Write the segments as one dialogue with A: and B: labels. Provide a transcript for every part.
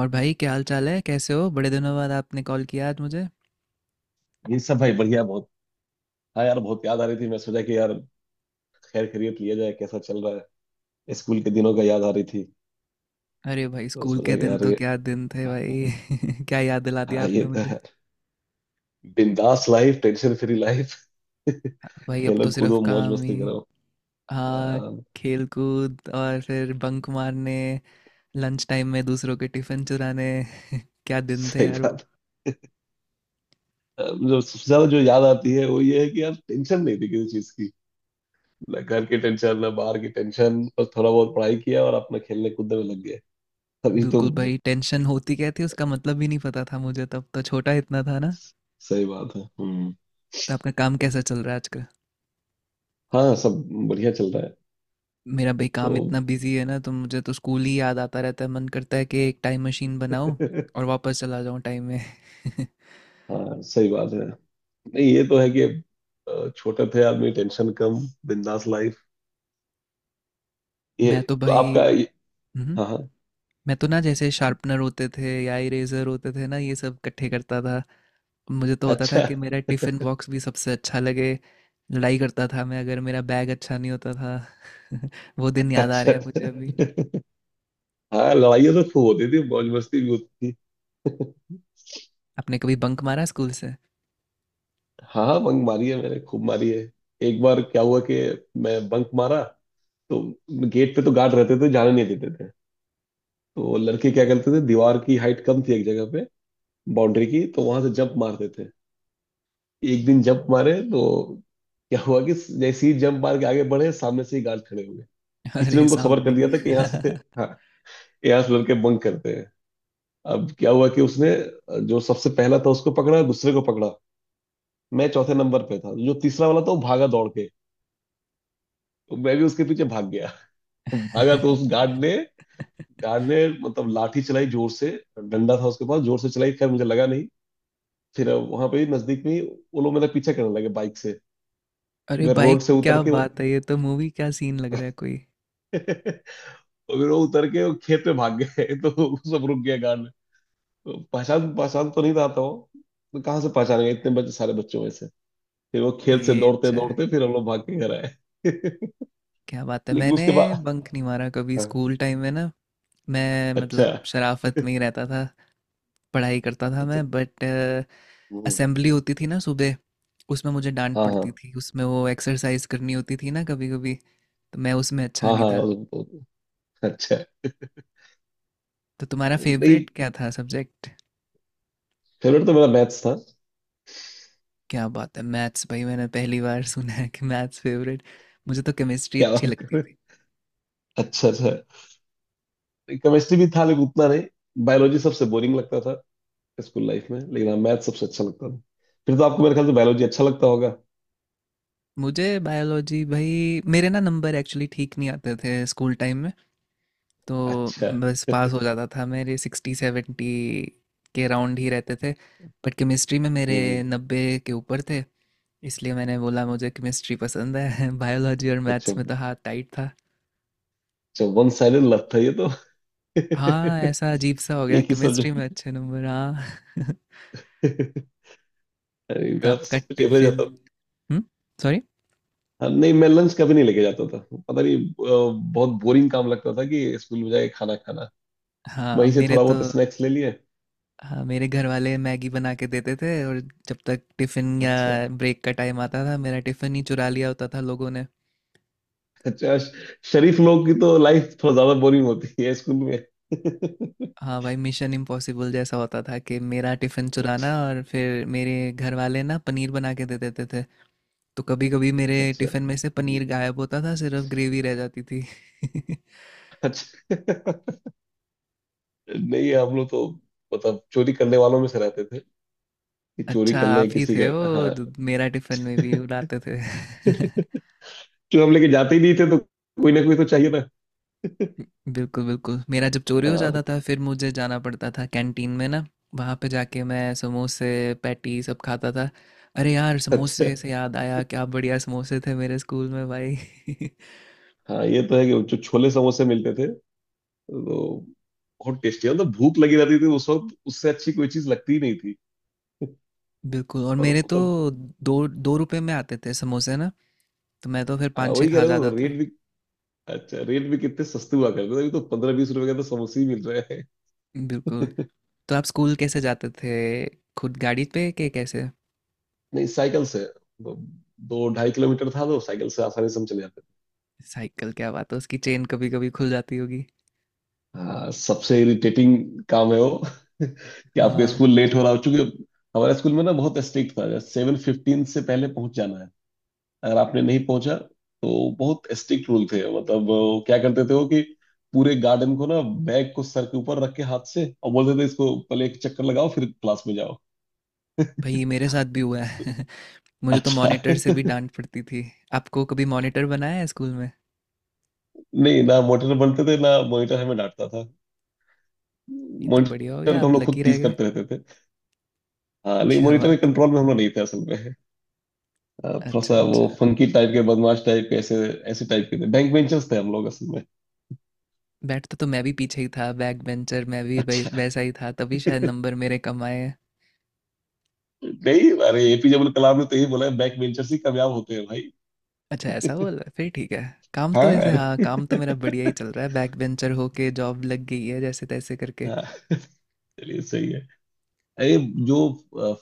A: और भाई क्या हाल चाल है कैसे हो बड़े दिनों बाद आपने कॉल किया आज मुझे।
B: ये सब भाई बढ़िया बहुत। हाँ यार, बहुत याद आ रही थी, मैं सोचा कि यार। खैर खैरियत लिया जाए, कैसा चल रहा है। स्कूल के दिनों का याद आ रही थी।
A: अरे भाई
B: तो
A: स्कूल के
B: सोचा कि
A: दिन
B: यार
A: तो
B: ये।
A: क्या दिन थे भाई क्या याद दिला दिया
B: हाँ, ये
A: आपने
B: तो
A: मुझे।
B: है। बिंदास लाइफ, टेंशन फ्री लाइफ।
A: भाई अब
B: खेलो
A: तो सिर्फ
B: कूदो, मौज
A: काम ही।
B: मस्ती करो।
A: हाँ।
B: अम,
A: खेल कूद और फिर बंक मारने लंच टाइम में दूसरों के टिफिन चुराने। क्या दिन थे
B: सही
A: यार वो।
B: बात। जो सबसे ज्यादा जो याद आती है वो ये है कि यार टेंशन नहीं थी किसी चीज की। ना घर की टेंशन, ना बाहर की टेंशन, बस थोड़ा बहुत पढ़ाई किया और अपना खेलने कूदने में लग गए। अभी तो।
A: बिल्कुल भाई टेंशन होती क्या थी उसका मतलब भी नहीं पता था मुझे तब तो छोटा इतना था ना।
B: सही बात है। हम्म।
A: तो आपका काम कैसा चल रहा है आजकल।
B: हाँ, सब बढ़िया चल रहा है।
A: मेरा भाई
B: तो।
A: काम इतना बिजी है ना तो मुझे तो स्कूल ही याद आता रहता है मन करता है कि एक टाइम मशीन बनाओ और वापस चला जाऊं टाइम में।
B: हाँ, सही बात है। नहीं ये तो है कि। छोटे थे आदमी, टेंशन कम। बिंदास लाइफ। ये।
A: मैं तो
B: तो
A: भाई।
B: आपका
A: हम्म,
B: हाँ हाँ।
A: मैं तो ना जैसे शार्पनर होते थे या इरेजर होते थे ना ये सब इकट्ठे करता था। मुझे तो होता था
B: अच्छा
A: कि मेरा टिफिन बॉक्स भी सबसे अच्छा लगे। लड़ाई करता था मैं अगर मेरा बैग अच्छा नहीं होता था। वो दिन याद आ रहे
B: अच्छा।
A: हैं मुझे अभी।
B: हाँ, लड़ाइयाँ तो खूब होती थी, मौज मस्ती भी होती थी।
A: आपने कभी बंक मारा स्कूल से?
B: हाँ हाँ, बंक मारी है मैंने, खूब मारी है। एक बार क्या हुआ कि। मैं बंक मारा। तो। गेट पे तो गार्ड रहते थे, जाने नहीं देते थे। तो लड़के क्या करते थे, दीवार की हाइट कम थी एक जगह पे। बाउंड्री की, तो वहां से जंप मारते थे। एक दिन जंप मारे तो। क्या हुआ कि। जैसे ही जंप मार के आगे बढ़े, सामने से ही गार्ड खड़े हुए। किसी ने
A: अरे
B: उनको खबर कर
A: सामने
B: दिया था कि यहाँ से।
A: ही।
B: हाँ। यहाँ से लड़के बंक करते हैं। अब क्या हुआ कि उसने। जो सबसे पहला था उसको पकड़ा, दूसरे को पकड़ा। मैं चौथे नंबर पे था, जो तीसरा वाला था वो भागा दौड़ के। तो मैं भी उसके पीछे भाग गया। तो भागा तो उस गार्ड ने। गार्ड ने मतलब लाठी चलाई जोर से। डंडा था उसके पास, जोर से चलाई, खैर मुझे लगा नहीं। फिर वहां पे ही, नजदीक में ही। वो लोग मेरा पीछा करने लगे बाइक से।
A: अरे
B: मैं
A: भाई
B: रोड से उतर
A: क्या
B: के वो।
A: बात है ये तो मूवी क्या सीन लग रहा है कोई।
B: और। फिर वो उतर के वो खेत में भाग गए तो वो सब रुक गया, गार्ड। पहचान पहचान तो नहीं आता वो। तो कहाँ से पहचानेंगे, इतने बच्चे, सारे बच्चों में से। फिर वो खेत से
A: ये
B: दौड़ते
A: अच्छा है।
B: दौड़ते, फिर हम लोग भाग के घर आए।
A: क्या बात है
B: लेकिन
A: मैंने
B: उसके बाद।
A: बंक नहीं मारा कभी
B: हाँ,
A: स्कूल टाइम में ना। मैं
B: अच्छा
A: मतलब शराफत में ही रहता था। पढ़ाई करता था
B: अच्छा।
A: मैं बट
B: हम्म।
A: असेंबली होती थी ना सुबह। उसमें मुझे डांट
B: हाँ हाँ।
A: पड़ती थी उसमें वो एक्सरसाइज करनी होती थी ना कभी कभी। तो मैं उसमें अच्छा
B: हाँ
A: नहीं
B: हाँ
A: था।
B: अच्छा।
A: तो तुम्हारा
B: नहीं,
A: फेवरेट क्या था सब्जेक्ट?
B: फेवरेट तो मेरा मैथ्स था।
A: क्या बात है मैथ्स भाई मैंने पहली बार सुना है कि मैथ्स फेवरेट। मुझे तो केमिस्ट्री
B: क्या
A: अच्छी
B: बात कर
A: लगती
B: रहे हो?
A: थी।
B: अच्छा अच्छा। केमिस्ट्री भी था लेकिन उतना नहीं। बायोलॉजी सबसे बोरिंग लगता था स्कूल लाइफ में, लेकिन हाँ, मैथ सबसे अच्छा लगता था। फिर तो आपको मेरे ख्याल से बायोलॉजी अच्छा लगता होगा।
A: मुझे बायोलॉजी भाई मेरे ना नंबर एक्चुअली ठीक नहीं आते थे स्कूल टाइम। तो
B: अच्छा।
A: बस पास हो जाता था मेरे सिक्सटी सेवेंटी के राउंड ही रहते थे। बट केमिस्ट्री में मेरे
B: हम्म।
A: नब्बे के ऊपर थे। इसलिए मैंने बोला मुझे केमिस्ट्री पसंद है बायोलॉजी और
B: अच्छा,
A: मैथ्स में तो हाथ टाइट था।
B: अच्छा वन साइडेड लत था ये तो।
A: हाँ ऐसा
B: एक
A: अजीब सा हो गया
B: ही
A: केमिस्ट्री में
B: सब्जेक्ट।
A: अच्छे नंबर हाँ
B: अरे
A: तो
B: मेरा तो
A: आपका
B: सब कुछ एवरेज
A: टिफिन।
B: आता था।
A: हम्म सॉरी।
B: हाँ, नहीं मैं लंच कभी नहीं लेके जाता था। पता नहीं, बहुत बोरिंग काम लगता था कि स्कूल में जाके खाना खाना।
A: हाँ
B: वहीं से
A: मेरे
B: थोड़ा
A: तो।
B: बहुत स्नैक्स ले लिए।
A: हाँ मेरे घर वाले मैगी बना के देते थे और जब तक टिफिन या
B: अच्छा।
A: ब्रेक का टाइम आता था मेरा टिफिन ही चुरा लिया होता था लोगों ने।
B: अच्छा शरीफ लोग की तो लाइफ थोड़ा ज्यादा बोरिंग होती है स्कूल में।
A: हाँ भाई मिशन इम्पॉसिबल जैसा होता था कि मेरा टिफ़िन चुराना और फिर मेरे घर वाले ना पनीर बना के दे देते थे। तो कभी कभी मेरे
B: अच्छा।
A: टिफ़िन में से
B: हम्म।
A: पनीर गायब होता था सिर्फ ग्रेवी रह जाती थी।
B: अच्छा। नहीं, हम लोग तो। मतलब चोरी करने वालों में से रहते थे। कि चोरी
A: अच्छा
B: कर
A: आप
B: लें
A: ही
B: किसी
A: थे
B: का। हाँ।
A: वो जो मेरा टिफ़िन में भी उड़ाते थे
B: क्यों? हम लेके जाते ही नहीं थे तो। कोई ना कोई तो चाहिए था।
A: बिल्कुल बिल्कुल मेरा जब चोरी हो
B: हाँ,
A: जाता था फिर मुझे जाना पड़ता था कैंटीन में ना। वहाँ पे जाके मैं समोसे पैटी सब खाता था। अरे यार
B: अच्छा।
A: समोसे से याद आया क्या बढ़िया समोसे थे मेरे स्कूल में भाई
B: हाँ, ये तो है कि जो छोले समोसे मिलते थे। तो। बहुत टेस्टी, मतलब भूख लगी रहती थी उस वक्त, उससे अच्छी कोई चीज लगती ही नहीं थी।
A: बिल्कुल और
B: और
A: मेरे तो
B: मतलब।
A: दो दो रुपए में आते थे समोसे ना। तो मैं तो फिर
B: हाँ,
A: पाँच छः
B: वही कह
A: खा
B: रहा हूँ,
A: जाता था।
B: रेट भी। अच्छा, रेट भी कितने सस्ते हुआ करते थे। अभी तो 15-20 रुपए का तो समोसे ही मिल रहे
A: बिल्कुल।
B: हैं।
A: तो आप स्कूल कैसे जाते थे खुद गाड़ी पे के कैसे?
B: नहीं, साइकिल से। दो 2-2.5 किलोमीटर था तो साइकिल से आसानी से हम चले जाते थे।
A: साइकिल क्या बात है उसकी चेन कभी कभी खुल जाती होगी।
B: हाँ, सबसे इरिटेटिंग काम है वो कि आपका
A: हाँ
B: स्कूल लेट हो रहा हो, चूंकि। हमारे स्कूल में ना बहुत स्ट्रिक्ट था, 7:15 से पहले पहुंच जाना है। अगर आपने नहीं पहुंचा। तो बहुत स्ट्रिक्ट रूल थे, मतलब वो क्या करते थे वो कि। पूरे गार्डन को ना। बैग को सर के ऊपर रख के हाथ से और बोलते थे, इसको पहले एक चक्कर लगाओ फिर क्लास में जाओ।
A: भाई मेरे साथ भी हुआ है मुझे तो
B: अच्छा।
A: मॉनिटर से भी
B: नहीं।
A: डांट पड़ती थी। आपको कभी मॉनिटर बनाया है स्कूल में?
B: ना मॉनिटर बनते थे, ना मॉनिटर हमें डांटता था।
A: ये तो बढ़िया हो
B: मॉनिटर
A: गया
B: को हम
A: आप
B: लोग
A: लकी
B: खुद
A: रह
B: टीज
A: गए।
B: करते रहते थे। हाँ, नहीं
A: क्या
B: मॉनिटर के
A: बात है।
B: कंट्रोल में हम लोग नहीं थे असल में। हाँ, थोड़ा
A: अच्छा
B: सा
A: अच्छा
B: वो फंकी टाइप के, बदमाश टाइप के, ऐसे। ऐसे टाइप के थे, बैक बेंचर्स थे हम लोग असल में।
A: बैठता तो मैं भी पीछे ही था बैक बेंचर मैं भी
B: अच्छा।
A: वैसा ही था तभी शायद नंबर मेरे कम आए।
B: नहीं, अरे एपीजे अब्दुल कलाम ने तो यही बोला है, बैक बेंचर्स ही कामयाब होते हैं भाई।
A: अच्छा ऐसा बोल रहा है फिर ठीक है। काम तो
B: हाँ।
A: वैसे हाँ
B: अरे
A: काम तो मेरा बढ़िया ही चल रहा है बैक बेंचर होके जॉब लग गई है जैसे तैसे करके।
B: हाँ। चलिए, सही है। अरे। जो।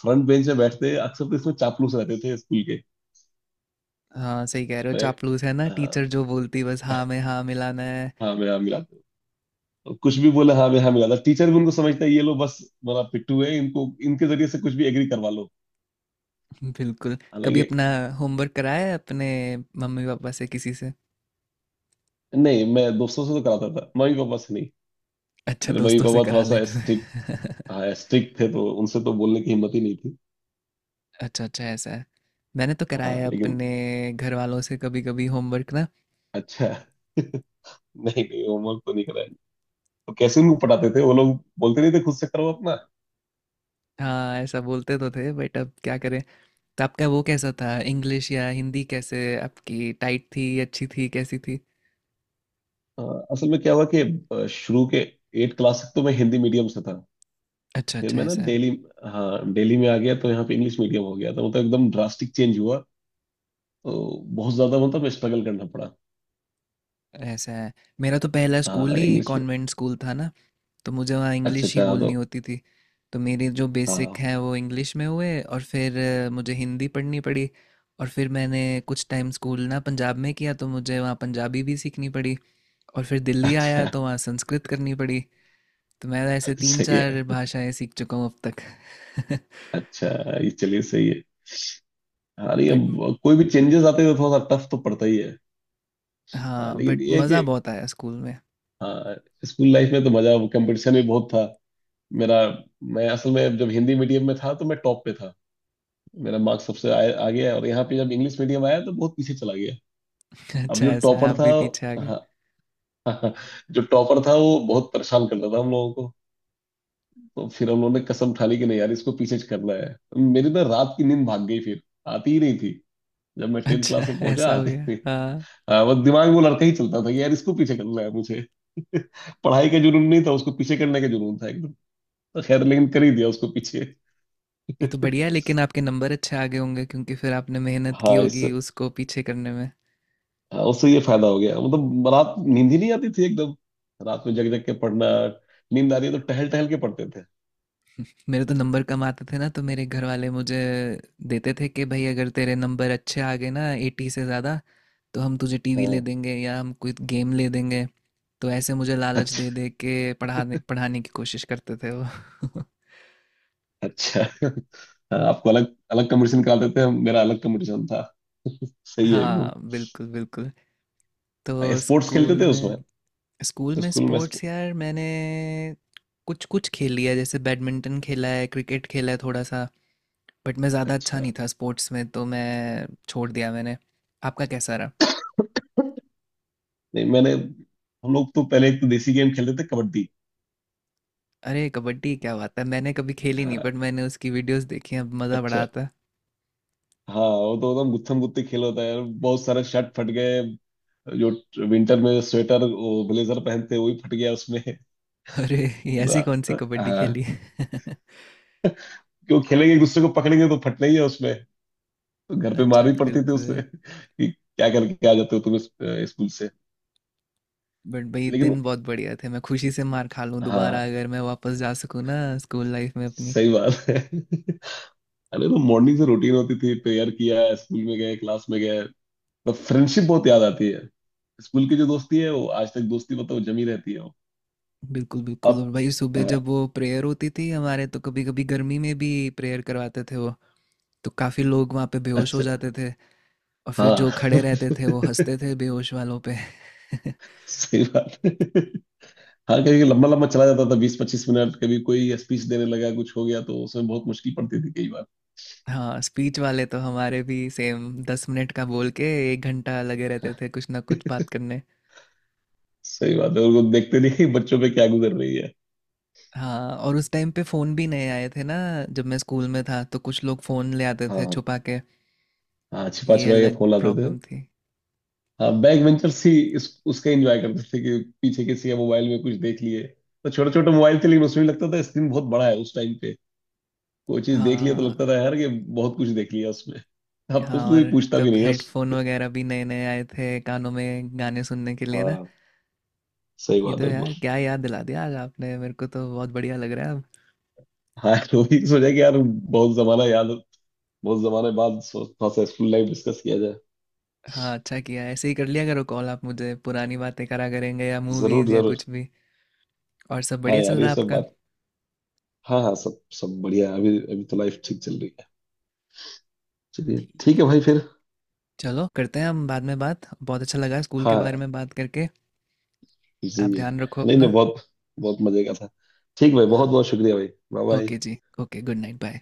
B: फ्रंट बेंच में बैठते अक्सर, तो इसमें चापलूस रहते थे स्कूल के।
A: हाँ सही कह रहे हो
B: मैं।
A: चापलूस है ना
B: अ,
A: टीचर जो बोलती बस हाँ में हाँ मिलाना है।
B: हाँ, मैं हाँ मिला था। और कुछ भी बोला हाँ, मैं हाँ मिला था, टीचर भी उनको समझता है ये लोग बस। मेरा पिट्ठू है इनको, इनके जरिए से कुछ भी एग्री करवा लो।
A: बिल्कुल। कभी
B: हालांकि।
A: अपना होमवर्क कराया है अपने मम्मी पापा से किसी से?
B: नहीं, मैं दोस्तों से तो कराता था, मम्मी पापा से नहीं।
A: अच्छा
B: मेरे मम्मी
A: दोस्तों से
B: पापा
A: करा
B: थोड़ा सा
A: लेते
B: स्ट्रिक्ट।
A: थे।
B: हाँ स्ट्रिक्ट थे, तो उनसे तो बोलने की हिम्मत ही नहीं थी।
A: अच्छा अच्छा ऐसा है। मैंने तो कराया
B: हाँ
A: है
B: लेकिन।
A: अपने घर वालों से कभी कभी होमवर्क ना।
B: अच्छा। नहीं नहीं, होमवर्क तो नहीं कराया। तो कैसे उनको पढ़ाते थे, वो लोग बोलते नहीं थे खुद से करो अपना।
A: हाँ ऐसा बोलते तो थे बट अब क्या करें। तो आपका वो कैसा था इंग्लिश या हिंदी कैसे आपकी टाइट थी अच्छी थी कैसी थी?
B: अ, असल में क्या हुआ कि। शुरू के। 8 क्लास तक तो मैं हिंदी मीडियम से था।
A: अच्छा
B: फिर
A: अच्छा
B: मैं ना
A: ऐसा है।
B: दिल्ली। हाँ, दिल्ली में आ गया तो यहाँ पे इंग्लिश मीडियम हो गया, तो मतलब एकदम ड्रास्टिक चेंज हुआ। तो। बहुत ज्यादा मतलब स्ट्रगल करना पड़ा।
A: ऐसा है मेरा तो पहला स्कूल
B: हाँ,
A: ही
B: इंग्लिश में।
A: कॉन्वेंट स्कूल था ना। तो मुझे वहाँ
B: अच्छा
A: इंग्लिश ही
B: अच्छा, तो।
A: बोलनी होती थी। तो मेरे जो बेसिक
B: हाँ।
A: हैं वो इंग्लिश में हुए और फिर मुझे हिंदी पढ़नी पड़ी। और फिर मैंने कुछ टाइम स्कूल ना पंजाब में किया तो मुझे वहाँ पंजाबी भी सीखनी पड़ी। और फिर दिल्ली आया
B: अच्छा।
A: तो वहाँ संस्कृत करनी पड़ी। तो मैं ऐसे तीन
B: सही है।
A: चार भाषाएं सीख चुका हूँ अब तक
B: अच्छा। ये चलिए, सही है। हाँ नहीं,
A: बट
B: अब कोई भी चेंजेस आते हैं तो थोड़ा सा टफ तो पड़ता ही है। हाँ
A: हाँ
B: लेकिन
A: बट
B: ये है कि।
A: मज़ा बहुत आया स्कूल में।
B: हाँ। स्कूल लाइफ में तो मजा, कंपटीशन भी बहुत था। मेरा। मैं असल में जब हिंदी मीडियम में था तो मैं टॉप पे था। मेरा मार्क्स सबसे आगे है, और यहाँ पे जब इंग्लिश मीडियम आया तो बहुत पीछे चला गया। अब
A: अच्छा
B: जो
A: ऐसा है
B: टॉपर
A: आप
B: था।
A: भी पीछे आ गए।
B: हाँ। जो टॉपर था वो बहुत परेशान करता था हम लोगों को। तो फिर हम लोगों ने कसम उठा ली कि नहीं यार, इसको पीछे करना है। मेरी ना रात की नींद भाग गई फिर। आती ही नहीं थी। जब मैं 10th
A: अच्छा
B: क्लास में पहुंचा,
A: ऐसा हो
B: आती ही
A: गया
B: नहीं।
A: हाँ।
B: हाँ, बस दिमाग में वो लड़का ही चलता था कि यार, इसको पीछे करना है मुझे। पढ़ाई का जुनून नहीं था, उसको पीछे करने का जुनून था एकदम। तो खैर, लेकिन कर ही दिया उसको पीछे।
A: ये तो बढ़िया है लेकिन आपके नंबर अच्छे आ गए होंगे क्योंकि फिर आपने मेहनत की
B: हाँ इस।
A: होगी उसको पीछे करने में।
B: हाँ, उससे ये फायदा हो गया, मतलब रात नींद ही नहीं आती थी एकदम। रात में जग जग के पढ़ना। नींद आ रही है तो टहल टहल के पढ़ते थे।
A: मेरे तो नंबर कम आते थे ना तो मेरे घर वाले मुझे देते थे कि भाई अगर तेरे नंबर अच्छे आ गए ना एटी से ज़्यादा तो हम तुझे टीवी ले
B: हाँ।
A: देंगे या हम कोई गेम ले देंगे। तो ऐसे मुझे लालच
B: अच्छा
A: दे दे के पढ़ाने पढ़ाने की कोशिश करते थे वो
B: अच्छा। हाँ, आपको अलग अलग कंपटीशन निकालते थे, मेरा अलग कंपटीशन था। सही है
A: हाँ
B: एकदम।
A: बिल्कुल बिल्कुल। तो
B: स्पोर्ट्स खेलते
A: स्कूल
B: थे उसमें।
A: में
B: स्कूल में
A: स्पोर्ट्स यार मैंने कुछ कुछ खेल लिया है, जैसे बैडमिंटन खेला है क्रिकेट खेला है थोड़ा सा। बट मैं ज़्यादा अच्छा
B: अच्छा।
A: नहीं था स्पोर्ट्स में तो मैं छोड़ दिया मैंने। आपका कैसा रहा?
B: नहीं मैंने, हम लोग तो पहले एक तो देसी गेम खेलते थे, कबड्डी।
A: अरे कबड्डी क्या बात है मैंने कभी खेली नहीं बट
B: हाँ।
A: मैंने उसकी वीडियोस देखी हैं अब मज़ा बड़ा
B: अच्छा।
A: आता है।
B: हाँ, वो तो एकदम गुत्थम गुत्ती खेल होता है यार। बहुत सारे शर्ट फट गए। जो विंटर में स्वेटर वो ब्लेजर पहनते हैं, वो भी फट गया उसमें।
A: अरे ये ऐसी
B: ब-
A: कौन सी कबड्डी
B: हाँ।
A: खेली
B: क्यों खेलेंगे एक दूसरे को पकड़ेंगे तो फटना ही है उसमें। तो घर पे मार
A: अच्छा
B: भी पड़ती थी
A: बिल्कुल।
B: उससे कि क्या करके आ जाते हो तुम स्कूल से।
A: बट भाई
B: लेकिन।
A: दिन बहुत बढ़िया थे मैं खुशी से मार खा लूँ दोबारा
B: हाँ।
A: अगर मैं वापस जा सकूँ ना स्कूल लाइफ में अपनी।
B: सही बात है। अरे तो मॉर्निंग से रूटीन होती थी, प्रेयर किया, स्कूल में गए, क्लास में गए। तो फ्रेंडशिप बहुत याद आती है। स्कूल की जो दोस्ती है वो आज तक दोस्ती मतलब जमी रहती है वो।
A: बिल्कुल, बिल्कुल और
B: अब।
A: भाई
B: अ,
A: सुबह जब वो प्रेयर होती थी हमारे तो कभी-कभी गर्मी में भी प्रेयर करवाते थे वो, तो काफ़ी लोग वहाँ पे बेहोश हो
B: अच्छा।
A: जाते थे। और फिर
B: हाँ।
A: जो खड़े रहते थे वो हँसते थे बेहोश वालों पे।
B: सही बात है। हाँ, कभी कभी लंबा लंबा चला जाता था, 20-25 मिनट, कभी कोई स्पीच देने लगा कुछ हो गया तो उसमें बहुत मुश्किल पड़ती थी कई बार।
A: हाँ, स्पीच वाले तो हमारे भी सेम 10 मिनट का बोल के 1 घंटा लगे रहते थे कुछ ना कुछ बात करने।
B: सही बात है, उनको देखते नहीं कि बच्चों पे क्या गुजर रही है।
A: हाँ, और उस टाइम पे फ़ोन भी नए आए थे ना जब मैं स्कूल में था तो कुछ लोग फ़ोन ले आते थे
B: हाँ।
A: छुपा के,
B: हाँ, छिपा
A: ये
B: छिपा के
A: अलग
B: फोन लाते थे।
A: प्रॉब्लम थी।
B: हाँ, बैक वेंचर्स ही। इस। उसका एंजॉय करते थे कि पीछे किसी के मोबाइल में कुछ देख लिए। तो छोटे छोटे मोबाइल थे लेकिन उसमें भी लगता था स्क्रीन बहुत बड़ा है उस टाइम पे। कोई चीज देख लिया तो
A: हाँ,
B: लगता था यार कि बहुत कुछ देख लिया उसमें। अब तो
A: हाँ
B: उसको कोई
A: और
B: पूछता भी
A: तब
B: नहीं
A: हेडफोन
B: है।
A: वगैरह भी नए नए आए थे कानों में गाने सुनने के लिए ना।
B: हाँ, सही
A: ये तो
B: बात है।
A: यार क्या याद दिला दिया आज आपने मेरे को तो बहुत बढ़िया लग रहा है अब।
B: हाँ, वही सोचा कि यार बहुत जमाना याद। बहुत जमाने बाद थोड़ा सा स्कूल लाइफ डिस्कस किया जाए।
A: हाँ अच्छा किया ऐसे ही कर लिया करो कॉल आप मुझे पुरानी बातें करा करेंगे या
B: जरूर
A: मूवीज या
B: जरूर।
A: कुछ भी। और सब
B: हाँ
A: बढ़िया चल
B: यार,
A: रहा
B: ये
A: है
B: सब
A: आपका?
B: बात। हाँ हाँ, सब सब बढ़िया है, अभी अभी तो लाइफ ठीक चल रही है। चलिए ठीक है भाई फिर।
A: चलो करते हैं हम बाद में बात बहुत अच्छा लगा स्कूल के बारे
B: हाँ।
A: में बात करके।
B: जी।
A: आप ध्यान रखो
B: नहीं
A: अपना।
B: नहीं, बहुत। बहुत मजे का था। ठीक भाई, बहुत
A: हाँ
B: बहुत शुक्रिया भाई, बाय बाय।
A: ओके जी ओके गुड नाइट बाय।